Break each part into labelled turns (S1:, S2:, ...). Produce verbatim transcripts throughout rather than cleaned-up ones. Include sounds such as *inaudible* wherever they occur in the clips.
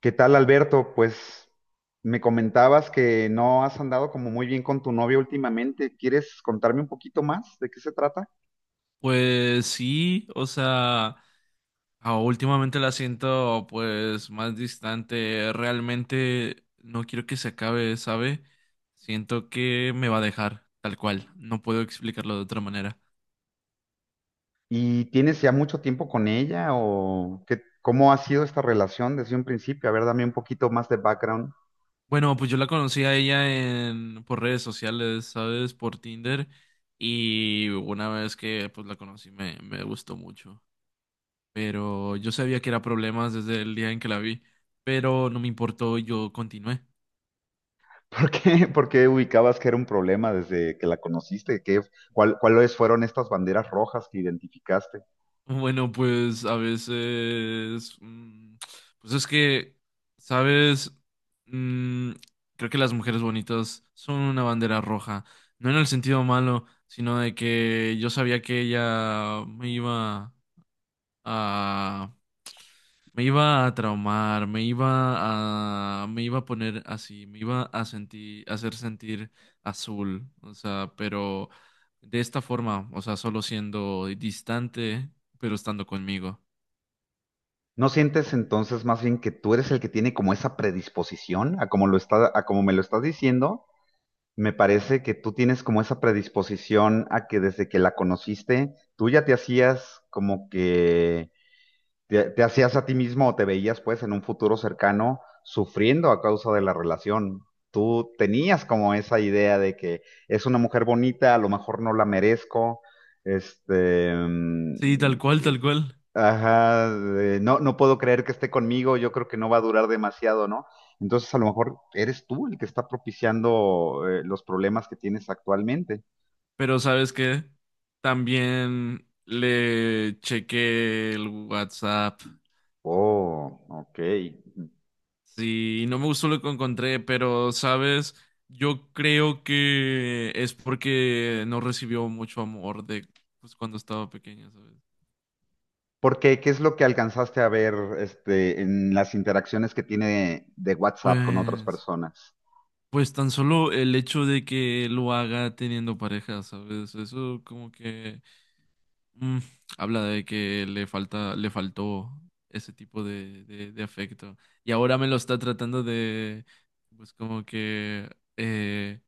S1: ¿Qué tal, Alberto? Pues me comentabas que no has andado como muy bien con tu novia últimamente. ¿Quieres contarme un poquito más de qué se trata?
S2: Pues sí, o sea, ah, últimamente la siento pues más distante. Realmente no quiero que se acabe, ¿sabe? Siento que me va a dejar tal cual. No puedo explicarlo de otra manera.
S1: ¿Y tienes ya mucho tiempo con ella o qué, cómo ha sido esta relación desde un principio? A ver, dame un poquito más de background.
S2: Bueno, pues yo la conocí a ella en por redes sociales, ¿sabes? Por Tinder, y una vez que pues la conocí me me gustó mucho, pero yo sabía que era problemas desde el día en que la vi, pero no me importó y yo continué.
S1: *laughs* ¿Por qué, por qué ubicabas que era un problema desde que la conociste? ¿Qué, cuál, cuáles fueron estas banderas rojas que identificaste?
S2: Bueno, pues a veces, mm, pues es que, ¿sabes? Mm, creo que las mujeres bonitas son una bandera roja, no en el sentido malo, sino de que yo sabía que ella me iba a, me iba a traumar, me iba a, me iba a poner así, me iba a sentir, a hacer sentir azul, o sea, pero de esta forma, o sea, solo siendo distante, pero estando conmigo.
S1: ¿No sientes entonces más bien que tú eres el que tiene como esa predisposición a como lo está, a como me lo estás diciendo? Me parece que tú tienes como esa predisposición a que desde que la conociste, tú ya te hacías como que te, te hacías a ti mismo o te veías pues en un futuro cercano sufriendo a causa de la relación. Tú tenías como esa idea de que es una mujer bonita, a lo mejor no la merezco, este,
S2: Sí, tal cual, tal cual.
S1: ajá, de, no, no puedo creer que esté conmigo, yo creo que no va a durar demasiado, ¿no? Entonces a lo mejor eres tú el que está propiciando eh, los problemas que tienes actualmente.
S2: Pero ¿sabes qué? También le chequé el WhatsApp.
S1: Oh, ok.
S2: Sí, no me gustó lo que encontré, pero ¿sabes? Yo creo que es porque no recibió mucho amor de pues cuando estaba pequeña, ¿sabes?
S1: ¿Por qué? ¿Qué es lo que alcanzaste a ver este, en las interacciones que tiene de WhatsApp con otras
S2: Pues
S1: personas?
S2: pues tan solo el hecho de que lo haga teniendo pareja, ¿sabes? Eso como que Mm, habla de que le falta, le faltó ese tipo de, de, de afecto. Y ahora me lo está tratando de, pues como que, eh,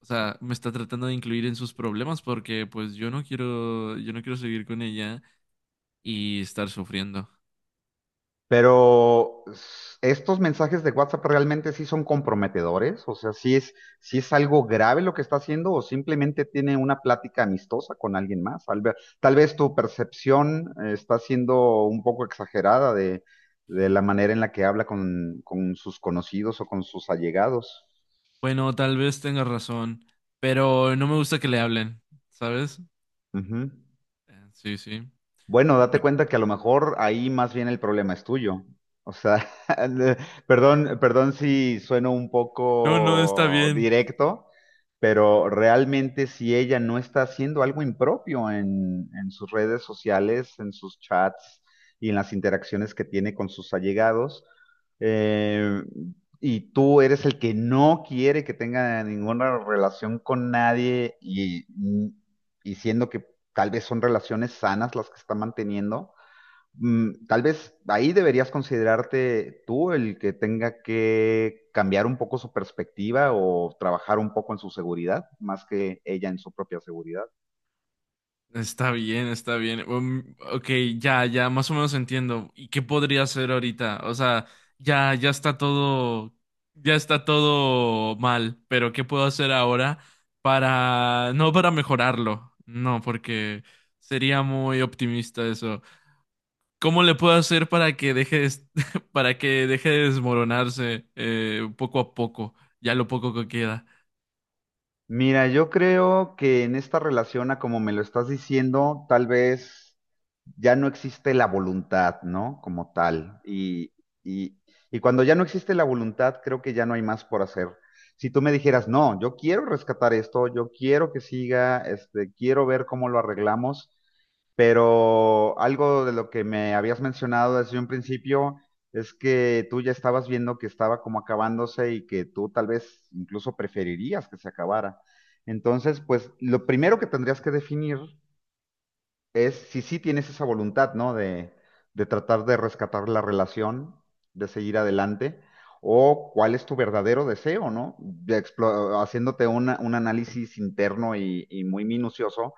S2: o sea, me está tratando de incluir en sus problemas porque pues yo no quiero, yo no quiero seguir con ella y estar sufriendo.
S1: Pero s- estos mensajes de WhatsApp realmente sí son comprometedores, o sea, sí es, sí es algo grave lo que está haciendo o simplemente tiene una plática amistosa con alguien más. Tal vez, tal vez tu percepción eh, está siendo un poco exagerada de, de la manera en la que habla con, con sus conocidos o con sus allegados.
S2: Bueno, tal vez tenga razón, pero no me gusta que le hablen, ¿sabes?
S1: Ujú.
S2: Eh, Sí, sí.
S1: Bueno, date
S2: Porque-
S1: cuenta que a lo mejor ahí más bien el problema es tuyo. O sea, *laughs* le- perdón, perdón si sueno un
S2: No, no está
S1: poco
S2: bien.
S1: directo, pero realmente si ella no está haciendo algo impropio en, en sus redes sociales, en sus chats y en las interacciones que tiene con sus allegados, eh, y tú eres el que no quiere que tenga ninguna relación con nadie y, y siendo que tal vez son relaciones sanas las que está manteniendo. Mm, Tal vez ahí deberías considerarte tú el que tenga que cambiar un poco su perspectiva o trabajar un poco en su seguridad, más que ella en su propia seguridad.
S2: Está bien, está bien. Um, ok, ya, ya, más o menos entiendo. ¿Y qué podría hacer ahorita? O sea, ya, ya está todo, ya está todo mal, pero ¿qué puedo hacer ahora para, no para mejorarlo? No, porque sería muy optimista eso. ¿Cómo le puedo hacer para que deje de, *laughs* para que deje de desmoronarse eh, poco a poco? Ya lo poco que queda.
S1: Mira, yo creo que en esta relación, a como me lo estás diciendo, tal vez ya no existe la voluntad, ¿no? Como tal. Y, y, y cuando ya no existe la voluntad, creo que ya no hay más por hacer. Si tú me dijeras, no, yo quiero rescatar esto, yo quiero que siga, este, quiero ver cómo lo arreglamos, pero algo de lo que me habías mencionado desde un principio es que tú ya estabas viendo que estaba como acabándose y que tú tal vez incluso preferirías que se acabara. Entonces, pues lo primero que tendrías que definir es si sí tienes esa voluntad, ¿no? De, de tratar de rescatar la relación, de seguir adelante, o cuál es tu verdadero deseo, ¿no? De explo- haciéndote una- un análisis interno y, y muy minucioso,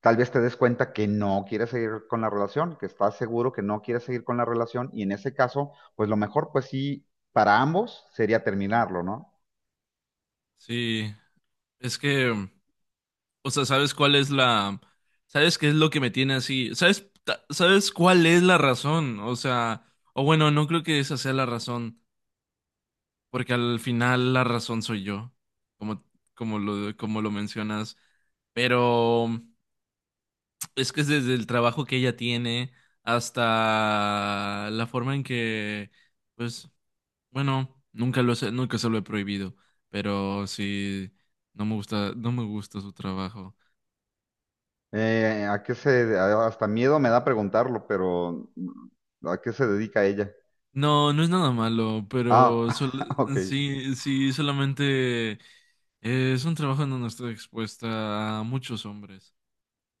S1: tal vez te des cuenta que no quieres seguir con la relación, que estás seguro que no quieres seguir con la relación, y en ese caso, pues lo mejor, pues sí, para ambos sería terminarlo, ¿no?
S2: Sí, es que o sea, ¿sabes cuál es la... ¿Sabes qué es lo que me tiene así? ¿Sabes, ta- ¿sabes cuál es la razón? O sea, o bueno, no creo que esa sea la razón, porque al final la razón soy yo, como, como lo, como lo mencionas. Pero es que es desde el trabajo que ella tiene hasta la forma en que, pues, bueno, nunca lo sé, nunca se lo he prohibido, pero sí, no me gusta, no me gusta su trabajo.
S1: Eh, ¿a qué se, a- hasta miedo me da preguntarlo, pero mm, ¿a qué se dedica ella?
S2: No, no es nada malo,
S1: Ah,
S2: pero
S1: *laughs*
S2: sol-
S1: ok.
S2: sí, sí, solamente eh, es un trabajo en donde estoy expuesta a muchos hombres.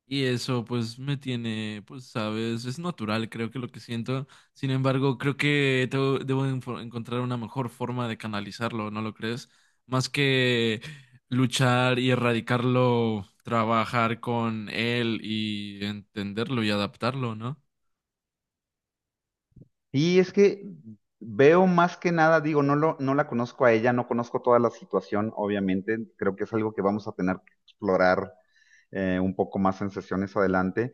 S2: Y eso pues me tiene, pues sabes, es natural creo que lo que siento. Sin embargo, creo que tengo- debo enfo- encontrar una mejor forma de canalizarlo, ¿no lo crees? Más que luchar y erradicarlo, trabajar con él y entenderlo y adaptarlo, ¿no?
S1: Y es que veo más que nada, digo, no lo, no la conozco a ella, no conozco toda la situación, obviamente. Creo que es algo que vamos a tener que explorar eh, un poco más en sesiones adelante.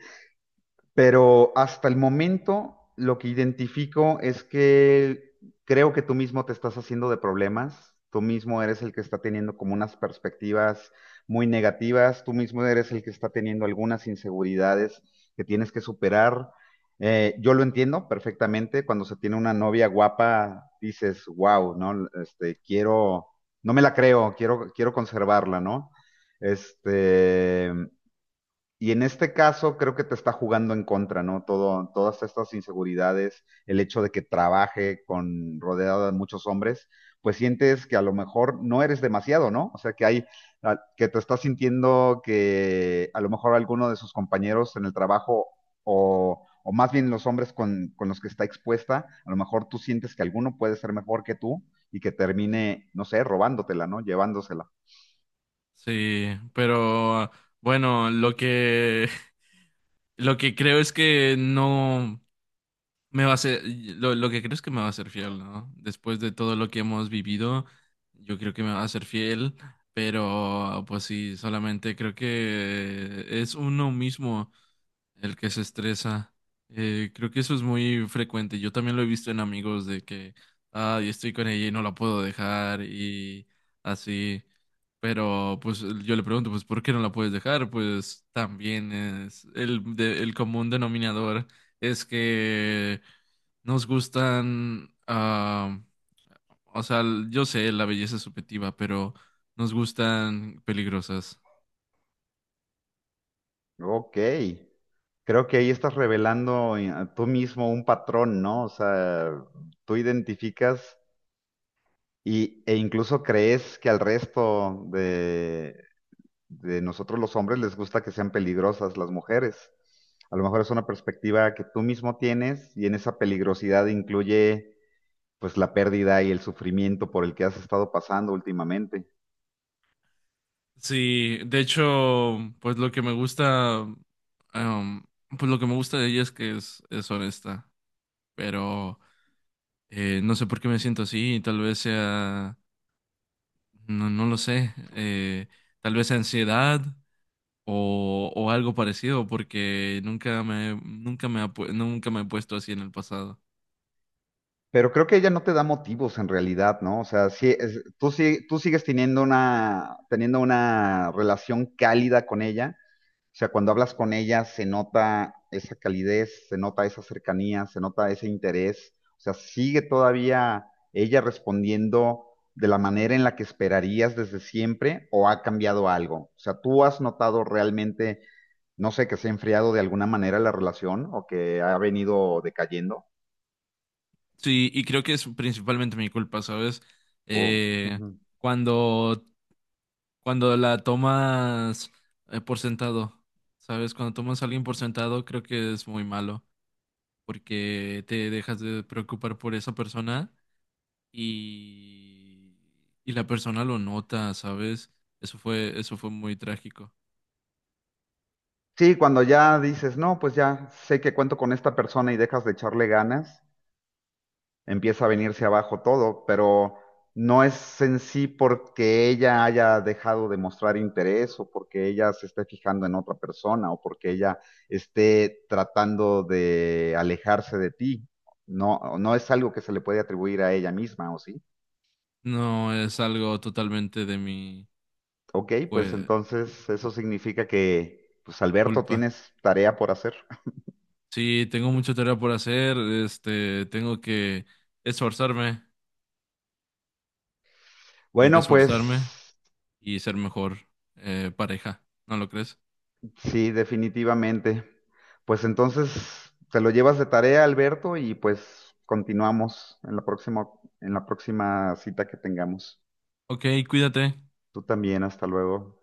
S1: Pero hasta el momento lo que identifico es que creo que tú mismo te estás haciendo de problemas, tú mismo eres el que está teniendo como unas perspectivas muy negativas, tú mismo eres el que está teniendo algunas inseguridades que tienes que superar. Eh, yo lo entiendo perfectamente, cuando se tiene una novia guapa, dices, wow, ¿no? Este, quiero, no me la creo, quiero, quiero conservarla, ¿no? Este, y en este caso creo que te está jugando en contra, ¿no? Todo, todas estas inseguridades, el hecho de que trabaje con rodeado de muchos hombres, pues sientes que a lo mejor no eres demasiado, ¿no? O sea, que hay, a- que te estás sintiendo que a lo mejor alguno de sus compañeros en el trabajo o, o más bien los hombres con, con los que está expuesta, a lo mejor tú sientes que alguno puede ser mejor que tú y que termine, no sé, robándotela, ¿no? Llevándosela.
S2: Sí, pero bueno, lo que *laughs* lo que creo es que no me va a ser lo, lo que creo es que me va a ser fiel, ¿no? Después de todo lo que hemos vivido, yo creo que me va a ser fiel, pero pues sí, solamente creo que es uno mismo el que se estresa. Eh, creo que eso es muy frecuente. Yo también lo he visto en amigos de que, ah, yo estoy con ella y no la puedo dejar y así. Pero pues yo le pregunto, pues, ¿por qué no la puedes dejar? Pues también es el, de- el común denominador es que nos gustan, ah, o sea, yo sé, la belleza es subjetiva, pero nos gustan peligrosas.
S1: Ok, creo que ahí estás revelando eh, tú mismo un patrón, ¿no? O sea, tú identificas y, e incluso crees que al resto de, de nosotros los hombres les gusta que sean peligrosas las mujeres. A lo mejor es una perspectiva que tú mismo tienes y en esa peligrosidad incluye pues la pérdida y el sufrimiento por el que has estado pasando últimamente.
S2: Sí, de hecho, pues lo que me gusta, em, pues lo que me gusta de ella es que es, es honesta, pero eh, no sé por qué me siento así, tal vez sea, no, no lo sé, eh, tal vez ansiedad o, o algo parecido, porque nunca me, nunca me, ha pu- nunca me he puesto así en el pasado.
S1: Pero creo que ella no te da motivos en realidad, ¿no? O sea, sí, es- tú, sí- tú sigues teniendo una, teniendo una relación cálida con ella. O sea, cuando hablas con ella se nota esa calidez, se nota esa cercanía, se nota ese interés. O sea, sigue todavía ella respondiendo de la manera en la que esperarías desde siempre o ha cambiado algo. O sea, tú has notado realmente, no sé, que se ha enfriado de alguna manera la relación o que ha venido decayendo.
S2: Sí, y creo que es principalmente mi culpa, ¿sabes?
S1: Oh,
S2: Eh,
S1: ujú.
S2: cuando cuando la tomas eh, por sentado, ¿sabes? Cuando tomas a alguien por sentado, creo que es muy malo, porque te dejas de preocupar por esa persona y, y la persona lo nota, ¿sabes? Eso fue, eso fue muy trágico.
S1: Sí, cuando ya dices, no, pues ya sé que cuento con esta persona y dejas de echarle ganas, empieza a venirse abajo todo, pero no es en sí porque ella haya dejado de mostrar interés o porque ella se esté fijando en otra persona o porque ella esté tratando de alejarse de ti. No, no es algo que se le puede atribuir a ella misma, ¿o sí?
S2: No es algo totalmente de mi,
S1: Ok, pues
S2: pues,
S1: entonces eso significa que, pues Alberto,
S2: culpa.
S1: tienes tarea por hacer.
S2: Sí, tengo mucha tarea por hacer, este, tengo que esforzarme, tengo que
S1: Bueno,
S2: esforzarme
S1: pues
S2: y ser mejor eh, pareja, ¿no lo crees?
S1: sí, definitivamente. Pues entonces te lo llevas de tarea, Alberto, y pues continuamos en la próxima, en la próxima cita que tengamos.
S2: Ok, cuídate.
S1: Tú también, hasta luego.